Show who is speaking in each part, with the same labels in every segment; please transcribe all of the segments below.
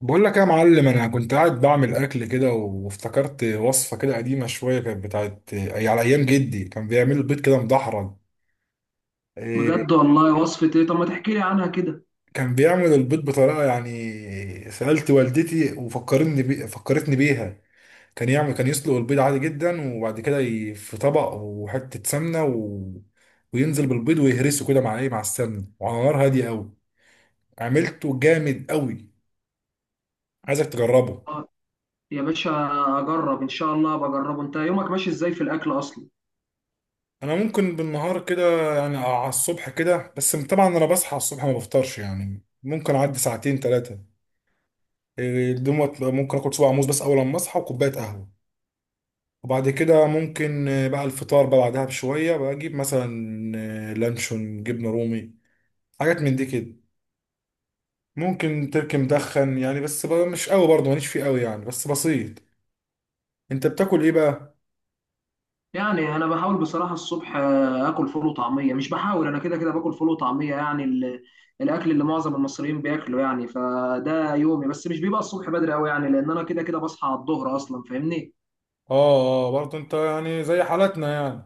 Speaker 1: بقول لك يا معلم، انا كنت قاعد بعمل اكل كده، وافتكرت وصفه كده قديمه شويه، كانت بتاعت أي على ايام جدي. كان بيعمل البيض كده مدحرج. إيه؟
Speaker 2: بجد والله، وصفة ايه؟ طب ما تحكي لي عنها كده.
Speaker 1: كان بيعمل البيض بطريقه. يعني سالت والدتي وفكرتني فكرتني بيها. كان يسلق البيض عادي جدا، وبعد كده في طبق، وحته سمنه. وينزل بالبيض ويهرسه كده مع ايه، مع السمنه، وعلى نار هاديه قوي. عملته جامد قوي، عايزك تجربه.
Speaker 2: آه، يا باشا اجرب ان شاء الله، بجربه. انت يومك ماشي ازاي في الاكل اصلا؟
Speaker 1: انا ممكن بالنهار كده يعني، على الصبح كده، بس طبعا انا بصحى على الصبح ما بفطرش، يعني ممكن اعدي ساعتين 3 دوت. ممكن اكل صباع موز بس اول ما اصحى وكوبايه قهوه، وبعد كده ممكن بقى الفطار بقى بعدها بشويه، بجيب مثلا لانشون، جبنه رومي، حاجات من دي كده. ممكن تركي مدخن يعني، بس بقى مش قوي، برضه ماليش فيه قوي يعني، بس بسيط. انت بتاكل ايه بقى؟
Speaker 2: يعني انا بحاول بصراحة الصبح اكل فول وطعمية. مش بحاول، انا كده كده باكل فول وطعمية، يعني الاكل اللي معظم المصريين بياكله. يعني فده يومي، بس مش بيبقى الصبح بدري قوي، يعني لان انا كده كده بصحى على الظهر اصلا، فاهمني؟
Speaker 1: اه، اه، برضه انت يعني زي حالتنا يعني.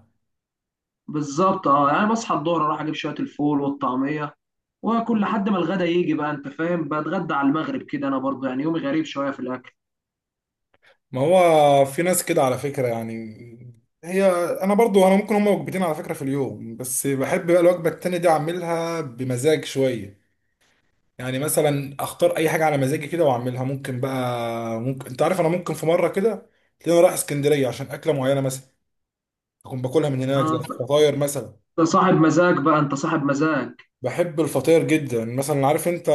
Speaker 2: بالظبط، اه. يعني بصحى الظهر اروح اجيب شوية الفول والطعمية واكل لحد ما الغدا يجي بقى، انت فاهم. بتغدى على المغرب كده، انا برضه يعني يومي غريب شوية في الاكل.
Speaker 1: ما هو في ناس كده على فكرة يعني. هي انا برضو، ممكن هما وجبتين على فكرة في اليوم، بس بحب بقى الوجبة التانية دي اعملها بمزاج شوية. يعني مثلا اختار اي حاجة على مزاجي كده واعملها. ممكن بقى، ممكن انت عارف، انا ممكن في مرة كده تلاقيني رايح اسكندرية عشان اكلة معينة مثلا، اكون باكلها من هناك زي
Speaker 2: اه،
Speaker 1: الفطاير مثلا.
Speaker 2: ده صاحب مزاج بقى، انت صاحب مزاج.
Speaker 1: بحب الفطاير جدا مثلا. عارف انت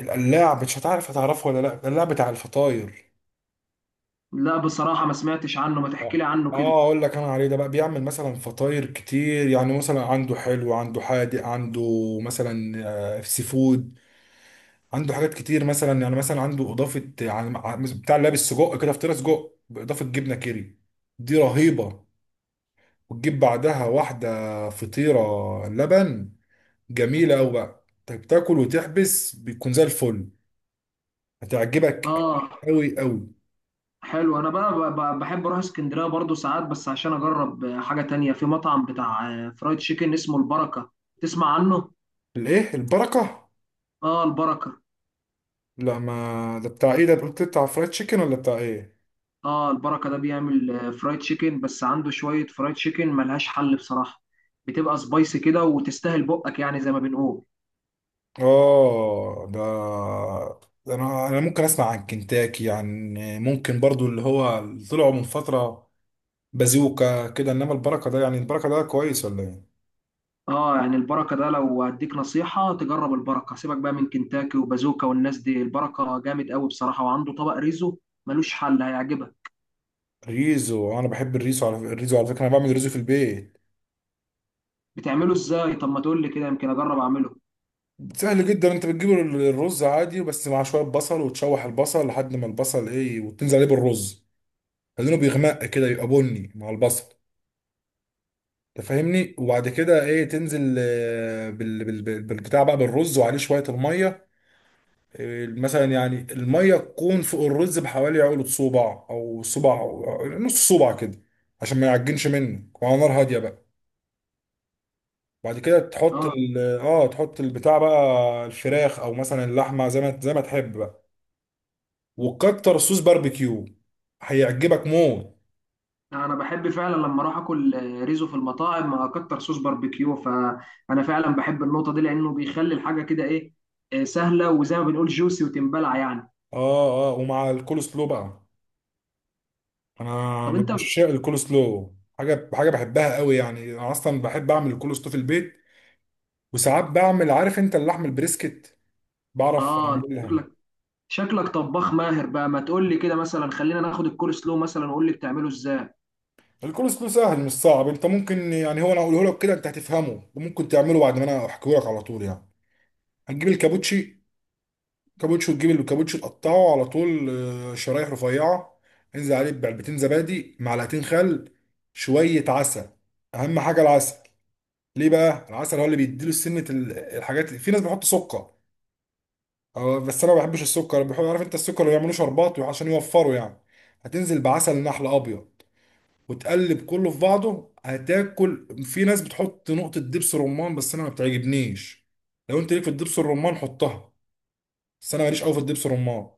Speaker 1: القلاع؟ مش هتعرف، هتعرفه ولا لا؟ القلاع بتاع الفطاير.
Speaker 2: لا بصراحة ما سمعتش عنه، ما تحكي
Speaker 1: اه.
Speaker 2: لي عنه كده.
Speaker 1: اقول لك انا عليه ده بقى. بيعمل مثلا فطاير كتير، يعني مثلا عنده حلو، عنده حادق، عنده مثلا سي فود. عنده حاجات كتير، مثلا يعني مثلا عنده اضافه، يعني بتاع اللي لابس سجق كده، فطيره سجق باضافه جبنه كيري، دي رهيبه. وتجيب بعدها واحده فطيره لبن. جميله قوي بقى، انت بتاكل وتحبس، بيكون زي الفل. هتعجبك
Speaker 2: اه.
Speaker 1: قوي قوي.
Speaker 2: حلو، انا بقى بحب اروح اسكندرية برضو ساعات بس عشان اجرب حاجة تانية في مطعم بتاع فرايد تشيكن اسمه البركة. تسمع عنه؟
Speaker 1: الايه البركه؟
Speaker 2: اه، البركة.
Speaker 1: لا، ما ده بتاع ايه؟ ده قلت بتاع فرايد تشيكن ولا بتاع ايه؟
Speaker 2: اه، البركة ده بيعمل فرايد تشيكن. بس عنده شوية فرايد تشيكن ملهاش حل بصراحة. بتبقى سبايسي كده وتستاهل بقك، يعني زي ما بنقول.
Speaker 1: اه، ده انا ممكن اسمع عن كنتاكي يعني، ممكن برضو اللي هو اللي طلعوا من فتره بازوكا كده، انما البركه ده، يعني البركه ده كويس ولا ايه؟
Speaker 2: اه يعني البركه ده، لو هديك نصيحه تجرب البركه. سيبك بقى من كنتاكي وبازوكا والناس دي، البركه جامد قوي بصراحه. وعنده طبق ريزو ملوش حل، هيعجبك.
Speaker 1: ريزو! انا بحب الريزو، على الريزو على فكره، انا بعمل ريزو في البيت.
Speaker 2: بتعمله ازاي؟ طب ما تقول لي كده، يمكن اجرب اعمله.
Speaker 1: سهل جدا، انت بتجيب الرز عادي بس مع شويه بصل، وتشوح البصل لحد ما البصل ايه، وتنزل عليه بالرز، لانه بيغمق كده يبقى بني مع البصل، تفهمني. وبعد كده ايه، تنزل بالبتاع بقى بالرز، وعليه شويه الميه، مثلا يعني الميه تكون فوق الرز بحوالي عقله صباع او صباع أو نص صباع كده، عشان ما يعجنش منك، وعلى نار هاديه بقى. بعد كده تحط
Speaker 2: اه،
Speaker 1: ال اه تحط البتاع بقى الفراخ او مثلا اللحمه، زي ما تحب بقى. وكتر صوص باربيكيو، هيعجبك موت.
Speaker 2: انا بحب فعلا لما اروح اكل ريزو في المطاعم اكتر صوص باربيكيو، فانا فعلا بحب النقطه دي، لانه بيخلي الحاجه كده ايه، سهله، وزي ما بنقول جوسي وتنبلع يعني.
Speaker 1: اه، اه، ومع الكول سلو بقى. انا
Speaker 2: طب
Speaker 1: من
Speaker 2: انت،
Speaker 1: عشاق الكول سلو، حاجه بحبها قوي يعني، انا اصلا بحب اعمل الكول سلو في البيت. وساعات بعمل، عارف انت اللحم البريسكت؟ بعرف
Speaker 2: اه، انت
Speaker 1: اعملها.
Speaker 2: شكلك شكلك طباخ ماهر بقى. ما تقول لي كده مثلا، خلينا ناخد الكول سلو مثلا وقول لي بتعمله ازاي.
Speaker 1: الكورس كله سهل، مش صعب. انت ممكن، يعني هو انا اقوله لك كده انت هتفهمه، وممكن تعمله بعد ما انا احكيه لك على طول يعني. هتجيب الكابوتشي. كابوتشي، وتجيب الكابوتشي تقطعه على طول شرايح رفيعه. انزل عليه بعلبتين زبادي، معلقتين خل، شويه عسل. اهم حاجه العسل. ليه بقى العسل؟ هو اللي بيديله سنه الحاجات. في ناس بيحط سكر، بس انا ما بحبش السكر، بحب، عارف انت السكر اللي ما يعملوش شربات عشان يوفروا يعني. هتنزل بعسل نحل ابيض، وتقلب كله في بعضه. هتاكل، في ناس بتحط نقطة دبس رمان بس انا ما بتعجبنيش. لو انت ليك في الدبس الرمان حطها، بس انا ماليش قوي في الدبس الرمان.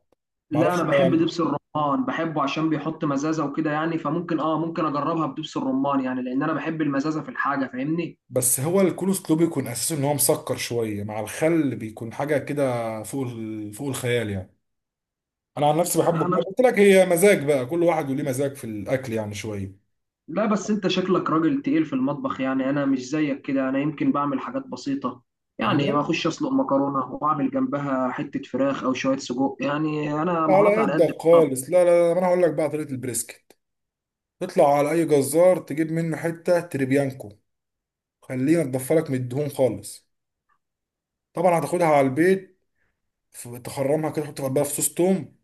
Speaker 1: ما
Speaker 2: لا انا
Speaker 1: اعرفش ما
Speaker 2: بحب
Speaker 1: يعني.
Speaker 2: دبس الرمان، بحبه عشان بيحط مزازه وكده يعني، فممكن اه، ممكن اجربها بدبس الرمان، يعني لان انا بحب المزازه في الحاجه، فاهمني.
Speaker 1: بس هو الكولسلو بيكون اساسه ان هو مسكر شوية مع الخل، بيكون حاجة كده فوق فوق الخيال يعني. انا عن نفسي بحب،
Speaker 2: انا بس...
Speaker 1: قلت لك هي مزاج بقى، كل واحد وليه مزاج في الاكل، يعني شوية.
Speaker 2: لا بس انت شكلك راجل تقيل في المطبخ، يعني انا مش زيك كده. انا يمكن بعمل حاجات بسيطه، يعني ما
Speaker 1: تمام.
Speaker 2: اخش اسلق مكرونه واعمل جنبها حته فراخ او شويه سجق، يعني انا
Speaker 1: على
Speaker 2: مهاراتي على قد
Speaker 1: قدك
Speaker 2: الطبخ.
Speaker 1: خالص. لا، لا، لا، ما انا هقول لك بقى طريقة البريسكت. تطلع على اي جزار تجيب منه حتة تريبيانكو، خلينا تضفى لك من الدهون خالص. طبعا هتاخدها على البيت. تخرمها كده، تحط بقى في صوص توم.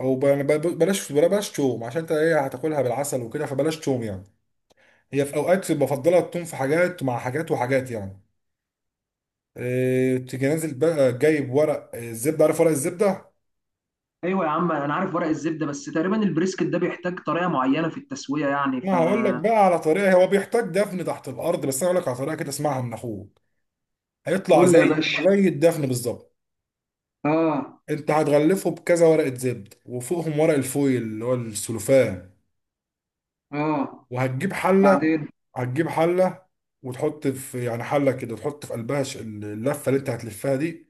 Speaker 1: او بلاش، بلاش توم، عشان انت ايه، هتاكلها بالعسل وكده، فبلاش توم يعني. هي في اوقات بفضلها التوم في حاجات مع حاجات وحاجات يعني. تيجي نازل بقى جايب ورق الزبده. عارف ورق الزبده؟
Speaker 2: ايوه يا عم انا عارف ورق الزبده، بس تقريبا البريسكت ده بيحتاج طريقه معينه في التسويه يعني،
Speaker 1: ما هقول لك
Speaker 2: فقول
Speaker 1: بقى على طريقه، هو بيحتاج دفن تحت الارض، بس انا هقول لك على طريقه كده، اسمعها من اخوك. هيطلع
Speaker 2: لي
Speaker 1: زي
Speaker 2: يا باشا.
Speaker 1: زي الدفن بالظبط.
Speaker 2: اه.
Speaker 1: انت هتغلفه بكذا ورقه زبد، وفوقهم ورق الفويل اللي هو السلوفان.
Speaker 2: اه.
Speaker 1: وهتجيب حله.
Speaker 2: بعدين.
Speaker 1: هتجيب حله وتحط في، يعني حله كده، تحط في قلبها اللفه اللي انت هتلفها دي.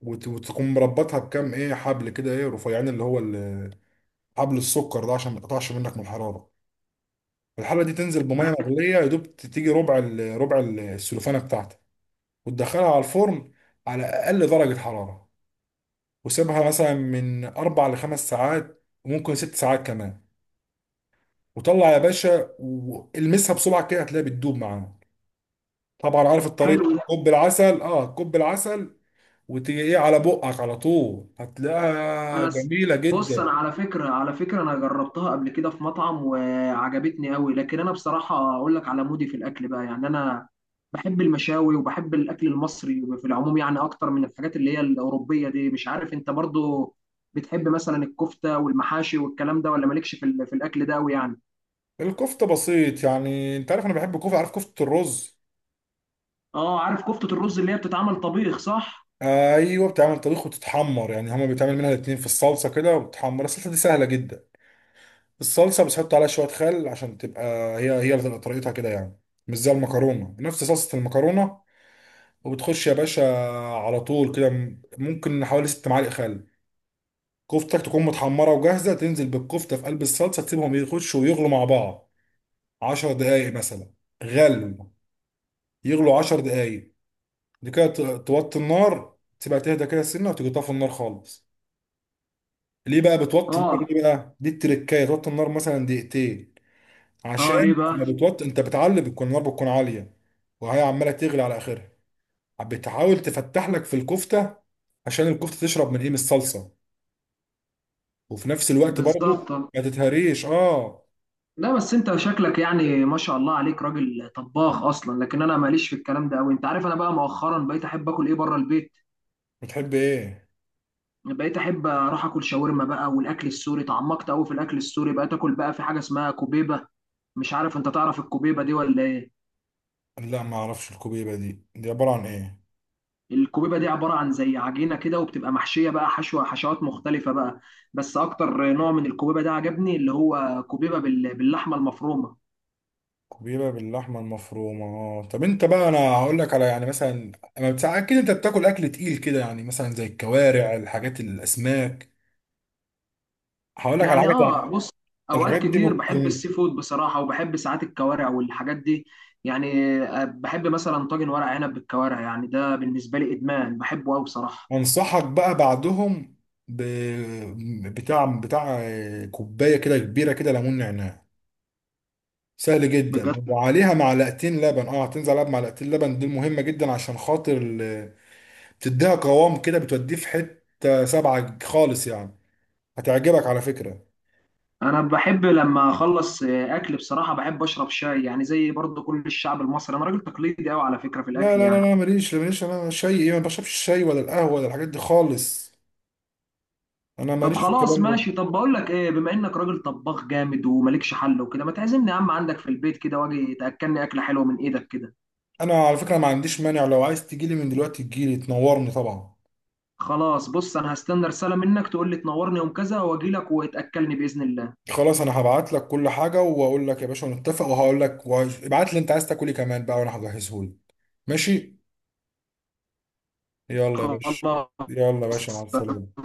Speaker 1: وت- وتقوم مربطها بكام حبل كده، ايه رفيعين اللي هو حبل السكر ده، عشان ما يتقطعش منك من الحراره. الحله دي تنزل بميه مغليه، يا دوب تيجي ربع السلوفانه بتاعتك، وتدخلها على الفرن على اقل درجه حراره، وسيبها مثلا من 4 لخمس ساعات، وممكن 6 ساعات كمان. وطلع يا باشا، والمسها بسرعه كده، هتلاقيها بتدوب معاك. طبعا عارف الطريقه.
Speaker 2: حلو.
Speaker 1: كوب العسل، وتيجي على بقك على طول، هتلاقيها
Speaker 2: انا س-
Speaker 1: جميله
Speaker 2: بص انا
Speaker 1: جدا.
Speaker 2: على فكره، على فكره انا جربتها قبل كده في مطعم وعجبتني قوي. لكن انا بصراحه اقول لك على مودي في الاكل بقى، يعني انا بحب المشاوي وبحب الاكل المصري في العموم، يعني اكتر من الحاجات اللي هي الاوروبيه دي. مش عارف انت برضو بتحب مثلا الكفته والمحاشي والكلام ده، ولا مالكش في في الاكل ده قوي يعني؟
Speaker 1: الكفته بسيط، يعني انت عارف انا بحب الكفته. عارف كفته الرز؟
Speaker 2: اه، عارف كفته الرز اللي هي بتتعمل طبيخ، صح؟
Speaker 1: ايوه بتعمل طبيخ وتتحمر، يعني هما بيتعمل منها الاتنين في الصلصه كده، وبتحمر. الصلصه دي سهله جدا، الصلصه بس حط عليها شويه خل، عشان تبقى، هي هي اللي تبقى طريقتها كده يعني، مش زي المكرونه، نفس صلصه المكرونه. وبتخش يا باشا على طول كده، ممكن حوالي 6 معالق خل. كفتك تكون متحمرة وجاهزة، تنزل بالكفتة في قلب الصلصة، تسيبهم يخشوا ويغلوا مع بعض 10 دقايق مثلا. غلو يغلوا 10 دقايق. دي كده توطي النار، تسيبها تهدى كده سنة، وتيجي طافي النار خالص. ليه بقى بتوطي النار؟
Speaker 2: اه.
Speaker 1: ليه بقى؟ دي التركاية، توطي النار مثلا دقيقتين، عشان
Speaker 2: اه ليه بقى؟
Speaker 1: لما بتوطي انت بتعلي، بتكون النار بتكون عالية، وهي عمالة تغلي على آخرها، بتحاول تفتح لك في الكفتة، عشان الكفتة تشرب من ايه، من الصلصة، وفي نفس الوقت
Speaker 2: بالظبط.
Speaker 1: برضو ما تتهريش. اه.
Speaker 2: لا بس انت شكلك يعني ما شاء الله عليك راجل طباخ اصلا، لكن انا ماليش في الكلام ده قوي. انت عارف انا بقى مؤخرا بقيت احب اكل ايه بره البيت.
Speaker 1: بتحب ايه؟
Speaker 2: بقيت احب اروح اكل شاورما بقى والاكل السوري، تعمقت قوي في الاكل السوري. بقيت اكل بقى في حاجه اسمها كوبيبه، مش عارف انت تعرف الكوبيبه دي ولا ايه؟
Speaker 1: لا، ما اعرفش الكوبيبه دي، دي عباره عن ايه؟
Speaker 2: الكوبيبه دي عباره عن زي عجينه كده، وبتبقى محشيه بقى حشوه حشوات مختلفه بقى. بس اكتر نوع من الكوبيبه ده عجبني اللي هو كوبيبه باللحمه المفرومه.
Speaker 1: كوبيبه باللحمه المفرومه، اه. طب انت بقى انا هقول لك على، يعني مثلا، اما بتاع، اكيد انت بتاكل اكل تقيل كده، يعني مثلا زي الكوارع، الحاجات، الاسماك. هقول لك على
Speaker 2: يعني
Speaker 1: حاجه
Speaker 2: اه، بص، اوقات
Speaker 1: الحاجات دي
Speaker 2: كتير بحب
Speaker 1: بتكون.
Speaker 2: السي فود بصراحه، وبحب ساعات الكوارع والحاجات دي. يعني بحب مثلا طاجن ورق عنب بالكوارع، يعني ده بالنسبه لي ادمان، بحبه قوي بصراحه.
Speaker 1: انصحك بقى بعدهم ب... بتاع بتاع كوبايه كده كبيره كده ليمون نعناع. سهل جدا،
Speaker 2: بجد؟
Speaker 1: وعليها معلقتين لبن، اه هتنزل عليها بمعلقتين لبن، دي مهمه جدا، عشان خاطر بتديها قوام كده، بتوديه في حتة سبعة خالص يعني. هتعجبك على فكرة.
Speaker 2: انا بحب لما اخلص اكل بصراحه بحب اشرب شاي، يعني زي برضو كل الشعب المصري، انا راجل تقليدي قوي على فكره في
Speaker 1: لا،
Speaker 2: الاكل
Speaker 1: لا، لا،
Speaker 2: يعني.
Speaker 1: لا، ماليش، ماليش، انا شاي ايه؟ ما بشربش الشاي ولا القهوة ولا الحاجات دي خالص، انا
Speaker 2: طب
Speaker 1: ماليش في
Speaker 2: خلاص
Speaker 1: الكلام ده.
Speaker 2: ماشي. طب بقول لك ايه، بما انك راجل طباخ جامد ومالكش حل وكده، ما تعزمني يا عم عندك في البيت كده، واجي تاكلني اكله حلوه من ايدك كده.
Speaker 1: انا على فكرة ما عنديش مانع، لو عايز تجيلي من دلوقتي تجيلي، تنورني طبعا.
Speaker 2: خلاص، بص انا هستنى رسالة منك تقول لي تنورني يوم كذا، واجي لك وتأكلني بإذن الله.
Speaker 1: خلاص، انا هبعت لك كل حاجة، واقول لك يا باشا نتفق، وهقول لك ابعت لي انت عايز تاكل ايه كمان بقى، وانا هجهزه لك. ماشي. يلا يا باشا.
Speaker 2: خلاص.
Speaker 1: يلا يا باشا، مع السلامة.